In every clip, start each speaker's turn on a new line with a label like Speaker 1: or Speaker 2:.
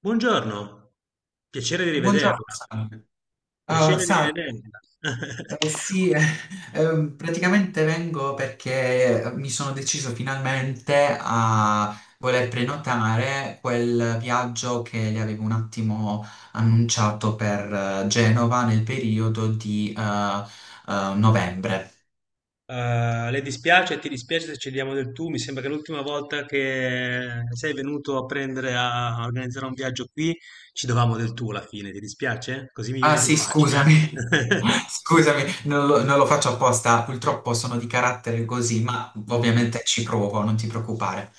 Speaker 1: Buongiorno, piacere di
Speaker 2: Buongiorno,
Speaker 1: rivederla.
Speaker 2: salve.
Speaker 1: Piacere di
Speaker 2: Salve.
Speaker 1: rivederla.
Speaker 2: Sì, praticamente vengo perché mi sono deciso finalmente a voler prenotare quel viaggio che le avevo un attimo annunciato per Genova nel periodo di novembre.
Speaker 1: Ti dispiace se ci diamo del tu? Mi sembra che l'ultima volta che sei venuto a prendere a a organizzare un viaggio qui ci dovevamo del tu alla fine, ti dispiace? Così mi
Speaker 2: Ah
Speaker 1: viene più
Speaker 2: sì,
Speaker 1: facile,
Speaker 2: scusami.
Speaker 1: eh?
Speaker 2: Scusami, non lo faccio apposta, purtroppo sono di carattere così, ma
Speaker 1: Mm,
Speaker 2: ovviamente ci provo, non ti preoccupare.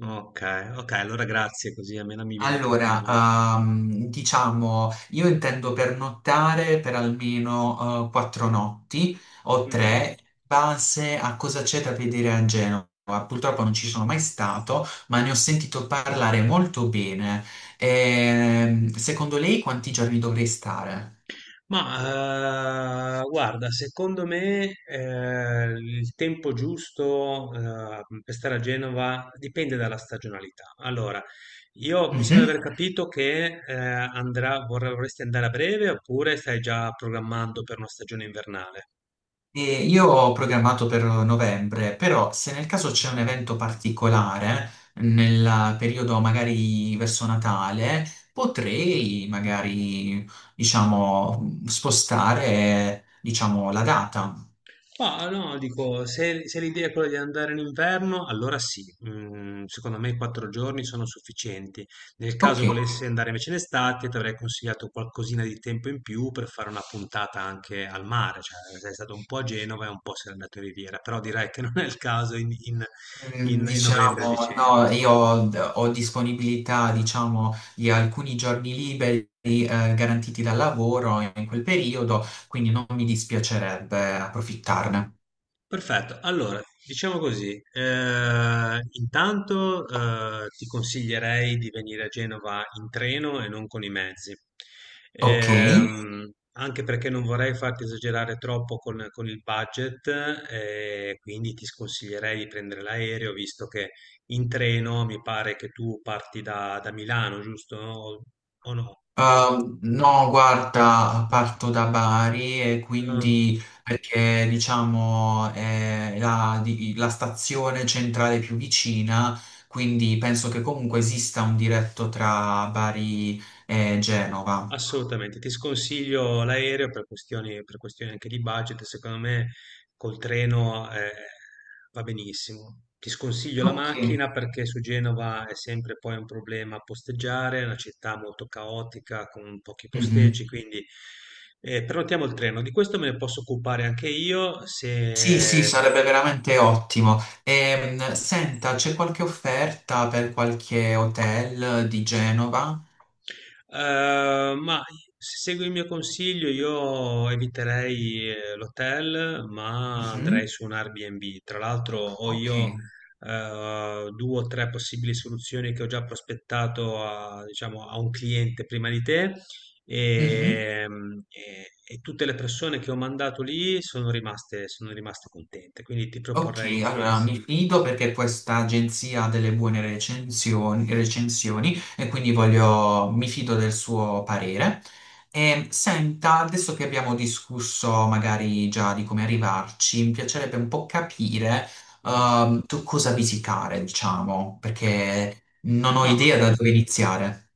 Speaker 1: ok, ok, allora grazie, così almeno mi viene più
Speaker 2: Allora,
Speaker 1: comodo.
Speaker 2: diciamo, io intendo pernottare per almeno quattro notti o
Speaker 1: Mm.
Speaker 2: tre, in base a cosa c'è da vedere a Genova. Purtroppo non ci sono mai stato, ma ne ho sentito parlare molto bene. Secondo lei quanti giorni dovrei stare?
Speaker 1: Ma guarda, secondo me il tempo giusto per stare a Genova dipende dalla stagionalità. Allora, io mi sembra di aver capito che vorresti andare a breve oppure stai già programmando per una stagione invernale?
Speaker 2: E io ho programmato per novembre, però se nel caso c'è un evento particolare, nel periodo magari verso Natale, potrei magari, diciamo, spostare, diciamo, la data.
Speaker 1: Ma no, dico, se l'idea è quella di andare in inverno, allora sì. Secondo me 4 giorni sono sufficienti. Nel
Speaker 2: Ok,
Speaker 1: caso volessi andare invece in estate, ti avrei consigliato qualcosina di tempo in più per fare una puntata anche al mare, cioè sei stato un po' a Genova e un po' sei andato in Riviera, però direi che non è il caso in, in-
Speaker 2: Mm,
Speaker 1: in- in novembre e
Speaker 2: diciamo, no,
Speaker 1: dicembre.
Speaker 2: ho disponibilità, diciamo, di alcuni giorni liberi, garantiti dal lavoro in quel periodo, quindi non mi dispiacerebbe approfittarne.
Speaker 1: Perfetto, allora diciamo così, intanto ti consiglierei di venire a Genova in treno e non con i mezzi. Ok.
Speaker 2: Ok.
Speaker 1: Ehm, Anche perché non vorrei farti esagerare troppo con, il budget, quindi ti sconsiglierei di prendere l'aereo, visto che in treno mi pare che tu parti da Milano, giusto? O no?
Speaker 2: No, guarda, parto da Bari e
Speaker 1: No.
Speaker 2: quindi perché diciamo è la stazione centrale più vicina, quindi penso che comunque esista un diretto tra Bari e Genova.
Speaker 1: Assolutamente, ti sconsiglio l'aereo per questioni anche di budget, secondo me col treno va benissimo. Ti sconsiglio la
Speaker 2: Ok.
Speaker 1: macchina perché su Genova è sempre poi un problema posteggiare, è una città molto caotica con pochi
Speaker 2: Mhm.
Speaker 1: posteggi, quindi prenotiamo il treno. Di questo me ne posso occupare anche io
Speaker 2: Sì, sì,
Speaker 1: se.
Speaker 2: sarebbe veramente ottimo. Senta, c'è qualche offerta per qualche hotel di Genova?
Speaker 1: Ma se segui il mio consiglio, io eviterei l'hotel, ma andrei
Speaker 2: Mhm.
Speaker 1: su un Airbnb. Tra l'altro, ho
Speaker 2: Ok.
Speaker 1: io due o tre possibili soluzioni che ho già prospettato a, diciamo, a un cliente prima di te.
Speaker 2: Mhm.
Speaker 1: E tutte le persone che ho mandato lì sono rimaste contente, quindi ti proporrei gli
Speaker 2: Ok, allora
Speaker 1: stessi.
Speaker 2: mi fido perché questa agenzia ha delle buone recensioni e quindi voglio, mi fido del suo parere. E senta, adesso che abbiamo discusso magari già di come arrivarci, mi piacerebbe un po' capire
Speaker 1: Mm.
Speaker 2: tu cosa visitare, diciamo, perché non ho
Speaker 1: Ma
Speaker 2: idea da dove iniziare.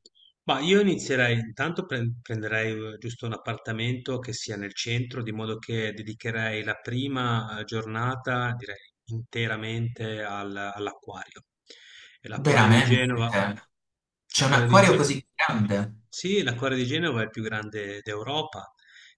Speaker 1: Ma io inizierei, intanto prenderei giusto un appartamento che sia nel centro, di modo che dedicherei la prima giornata, direi, interamente all'acquario. E l'acquario di
Speaker 2: Veramente?
Speaker 1: Genova.
Speaker 2: C'è un
Speaker 1: L'acquario di
Speaker 2: acquario
Speaker 1: Genova.
Speaker 2: così grande?
Speaker 1: Sì, l'acquario di Genova è il più grande d'Europa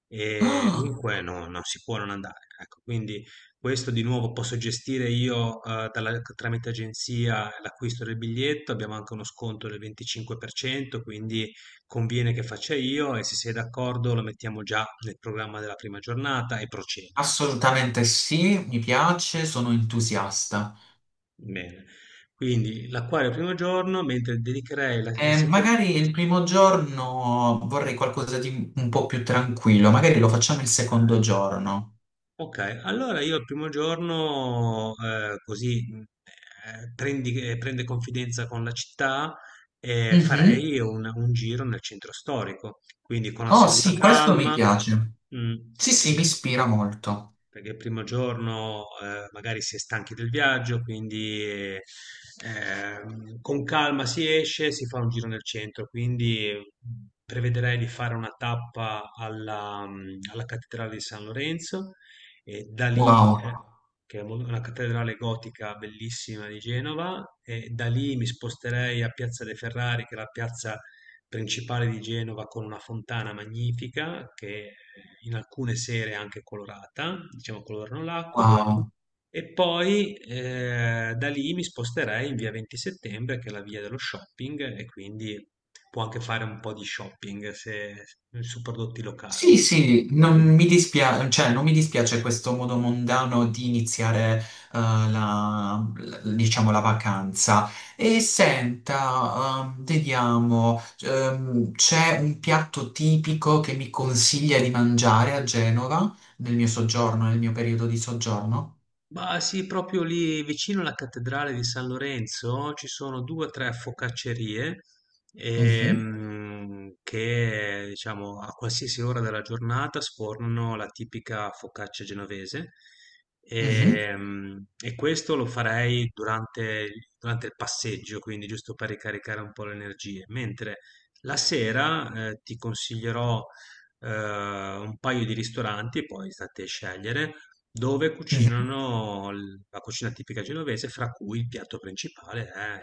Speaker 1: e dunque no, non si può non andare. Ecco, quindi questo di nuovo posso gestire io, dalla tramite agenzia l'acquisto del biglietto, abbiamo anche uno sconto del 25%, quindi conviene che faccia io e se sei d'accordo lo mettiamo già nel programma della prima giornata e procedo.
Speaker 2: Ah, assolutamente sì, mi piace, sono entusiasta.
Speaker 1: Bene. Quindi l'acquario primo giorno, mentre dedicherei la il seco.
Speaker 2: Magari il primo giorno vorrei qualcosa di un po' più tranquillo, magari lo facciamo il secondo giorno.
Speaker 1: Ok, allora io il primo giorno così prende confidenza con la città e
Speaker 2: Mhm.
Speaker 1: farei un giro nel centro storico, quindi con
Speaker 2: Oh
Speaker 1: assoluta
Speaker 2: sì, questo mi
Speaker 1: calma.
Speaker 2: piace.
Speaker 1: Mm.
Speaker 2: Sì, sì, mi ispira molto.
Speaker 1: Perché il primo giorno magari si è stanchi del viaggio, quindi con calma si esce, si fa un giro nel centro, quindi prevederei di fare una tappa alla cattedrale di San Lorenzo e da lì,
Speaker 2: Wow,
Speaker 1: che è una cattedrale gotica bellissima di Genova, e da lì mi sposterei a Piazza dei Ferrari, che è la piazza principale di Genova con una fontana magnifica che in alcune sere è anche colorata, diciamo colorano l'acqua,
Speaker 2: wow.
Speaker 1: e poi da lì mi sposterei in via 20 settembre, che è la via dello shopping, e quindi può anche fare un po' di shopping su prodotti locali.
Speaker 2: Sì, sì, non mi dispiace, cioè, non mi dispiace questo modo mondano di iniziare, diciamo, la vacanza. E senta, vediamo, c'è un piatto tipico che mi consiglia di mangiare a Genova nel mio soggiorno, nel mio periodo di soggiorno?
Speaker 1: Ma sì, proprio lì vicino alla cattedrale di San Lorenzo ci sono due o tre focaccerie
Speaker 2: Mhm,
Speaker 1: che, diciamo, a qualsiasi ora della giornata sfornano la tipica focaccia genovese.
Speaker 2: mhm,
Speaker 1: E, questo lo farei durante il passeggio, quindi giusto per ricaricare un po' le energie. Mentre la sera, ti consiglierò un paio di ristoranti, poi state a scegliere dove
Speaker 2: mhm.
Speaker 1: cucinano la cucina tipica genovese, fra cui il piatto principale è,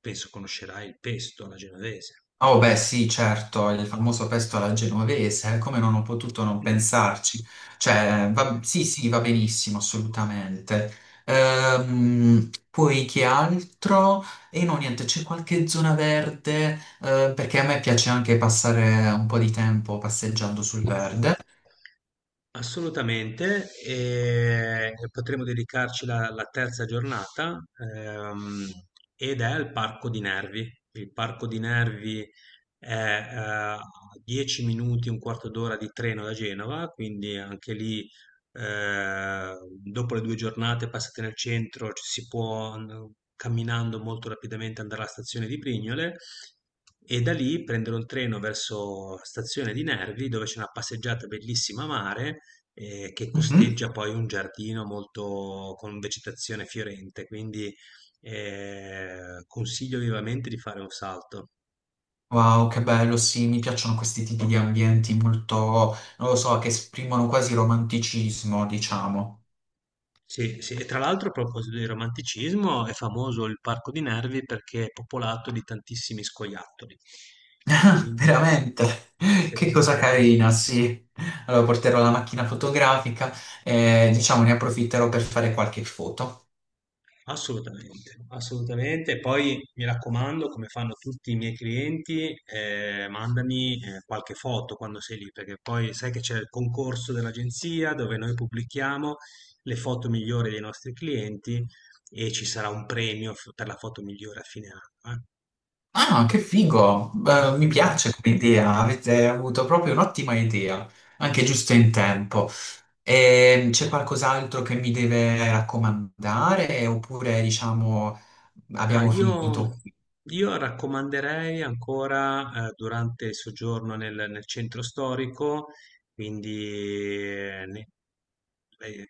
Speaker 1: penso conoscerai il pesto alla genovese.
Speaker 2: Oh beh sì, certo, il famoso pesto alla genovese, come non ho potuto non pensarci. Cioè, sì, sì, va benissimo, assolutamente. Poi che altro? E no, niente, c'è qualche zona verde, perché a me piace anche passare un po' di tempo passeggiando sul verde.
Speaker 1: Assolutamente, e potremo dedicarci la, terza giornata, ehm, ed è al Parco di Nervi. Il Parco di Nervi è a 10 minuti, un quarto d'ora di treno da Genova, quindi anche lì. Eh, Dopo le 2 giornate passate nel centro ci si può camminando molto rapidamente andare alla stazione di Prignole e da lì prendere un treno verso stazione di Nervi dove c'è una passeggiata bellissima a mare che
Speaker 2: Mhm.
Speaker 1: costeggia poi un giardino molto con vegetazione fiorente, quindi consiglio vivamente di fare un salto.
Speaker 2: Wow, che bello, sì, mi piacciono questi tipi di ambienti molto, non lo so, che esprimono quasi romanticismo, diciamo.
Speaker 1: Sì, sì, e tra l'altro a proposito di romanticismo è famoso il Parco di Nervi perché è popolato di tantissimi scoiattoli. Quindi,
Speaker 2: Veramente,
Speaker 1: sì,
Speaker 2: che cosa carina, sì. Allora porterò la macchina fotografica e diciamo ne approfitterò per fare qualche foto.
Speaker 1: assolutamente, assolutamente. Poi mi raccomando, come fanno tutti i miei clienti, mandami qualche foto quando sei lì, perché poi sai che c'è il concorso dell'agenzia dove noi pubblichiamo le foto migliori dei nostri clienti e ci sarà un premio per la foto migliore a fine anno.
Speaker 2: Ah, no, che figo! Mi piace come idea, avete avuto proprio un'ottima idea, anche giusto in tempo. E c'è qualcos'altro che mi deve raccomandare oppure diciamo
Speaker 1: Ma
Speaker 2: abbiamo
Speaker 1: io,
Speaker 2: finito qui?
Speaker 1: io raccomanderei ancora durante il soggiorno nel, centro storico, quindi eh,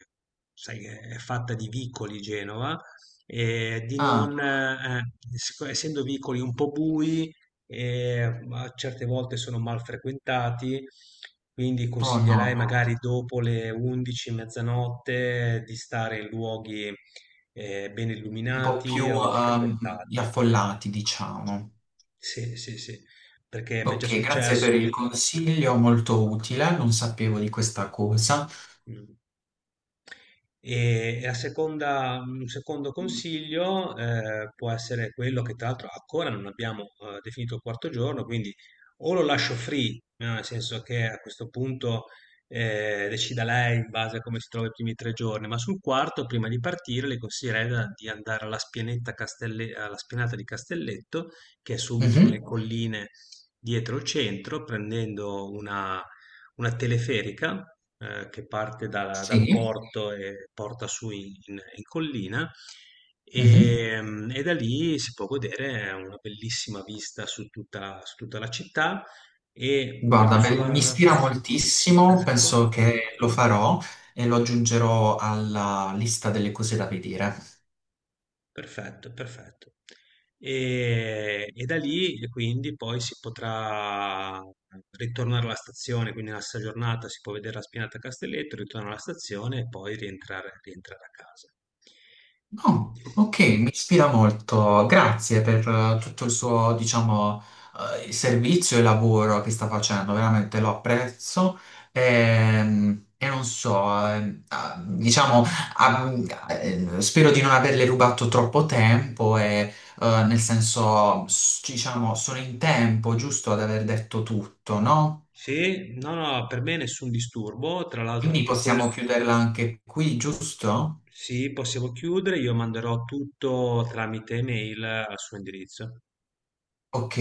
Speaker 1: sai, è fatta di vicoli Genova, e di
Speaker 2: Ah,
Speaker 1: non, essendo vicoli un po' bui, e a certe volte sono mal frequentati, quindi
Speaker 2: oh
Speaker 1: consiglierei
Speaker 2: no,
Speaker 1: magari dopo le 11, mezzanotte di stare in luoghi ben
Speaker 2: un po'
Speaker 1: illuminati
Speaker 2: più
Speaker 1: o
Speaker 2: gli
Speaker 1: frequentati.
Speaker 2: affollati, diciamo.
Speaker 1: Sì, sì, sì, perché mi è già
Speaker 2: Ok, grazie per
Speaker 1: successo.
Speaker 2: il consiglio, molto utile, non sapevo di questa cosa.
Speaker 1: Mm. E la seconda, un secondo consiglio può essere quello che tra l'altro ancora non abbiamo definito il quarto giorno, quindi o lo lascio free, no? Nel senso che a questo punto decida lei in base a come si trova i primi 3 giorni, ma sul quarto, prima di partire, le consiglierei di andare alla spianata di Castelletto, che è subito nelle
Speaker 2: Mhm,
Speaker 1: colline dietro il centro, prendendo una teleferica che parte dal
Speaker 2: sì,
Speaker 1: porto e porta su in, in collina
Speaker 2: mhm.
Speaker 1: e da lì si può godere una bellissima vista su tutta la città e
Speaker 2: Guarda,
Speaker 1: proprio
Speaker 2: beh, mi
Speaker 1: sulla.
Speaker 2: ispira moltissimo,
Speaker 1: Ecco.
Speaker 2: penso che lo farò e lo aggiungerò alla lista delle cose da vedere.
Speaker 1: Perfetto, perfetto. E da lì e quindi poi si potrà ritornare alla stazione, quindi nella stessa giornata si può vedere la Spinata a Castelletto, ritornare alla stazione e poi rientrare a casa.
Speaker 2: Oh, ok, mi ispira molto. Grazie per tutto il suo, diciamo, servizio e lavoro che sta facendo, veramente lo apprezzo. Non so, diciamo, ah, spero di non averle rubato troppo tempo e, nel senso, diciamo, sono in tempo, giusto, ad aver detto tutto, no?
Speaker 1: Sì, no, no, per me nessun disturbo, tra l'altro
Speaker 2: Quindi
Speaker 1: tutto quello.
Speaker 2: possiamo chiuderla anche qui, giusto?
Speaker 1: Sì, possiamo chiudere, io manderò tutto tramite email al suo indirizzo.
Speaker 2: Ok.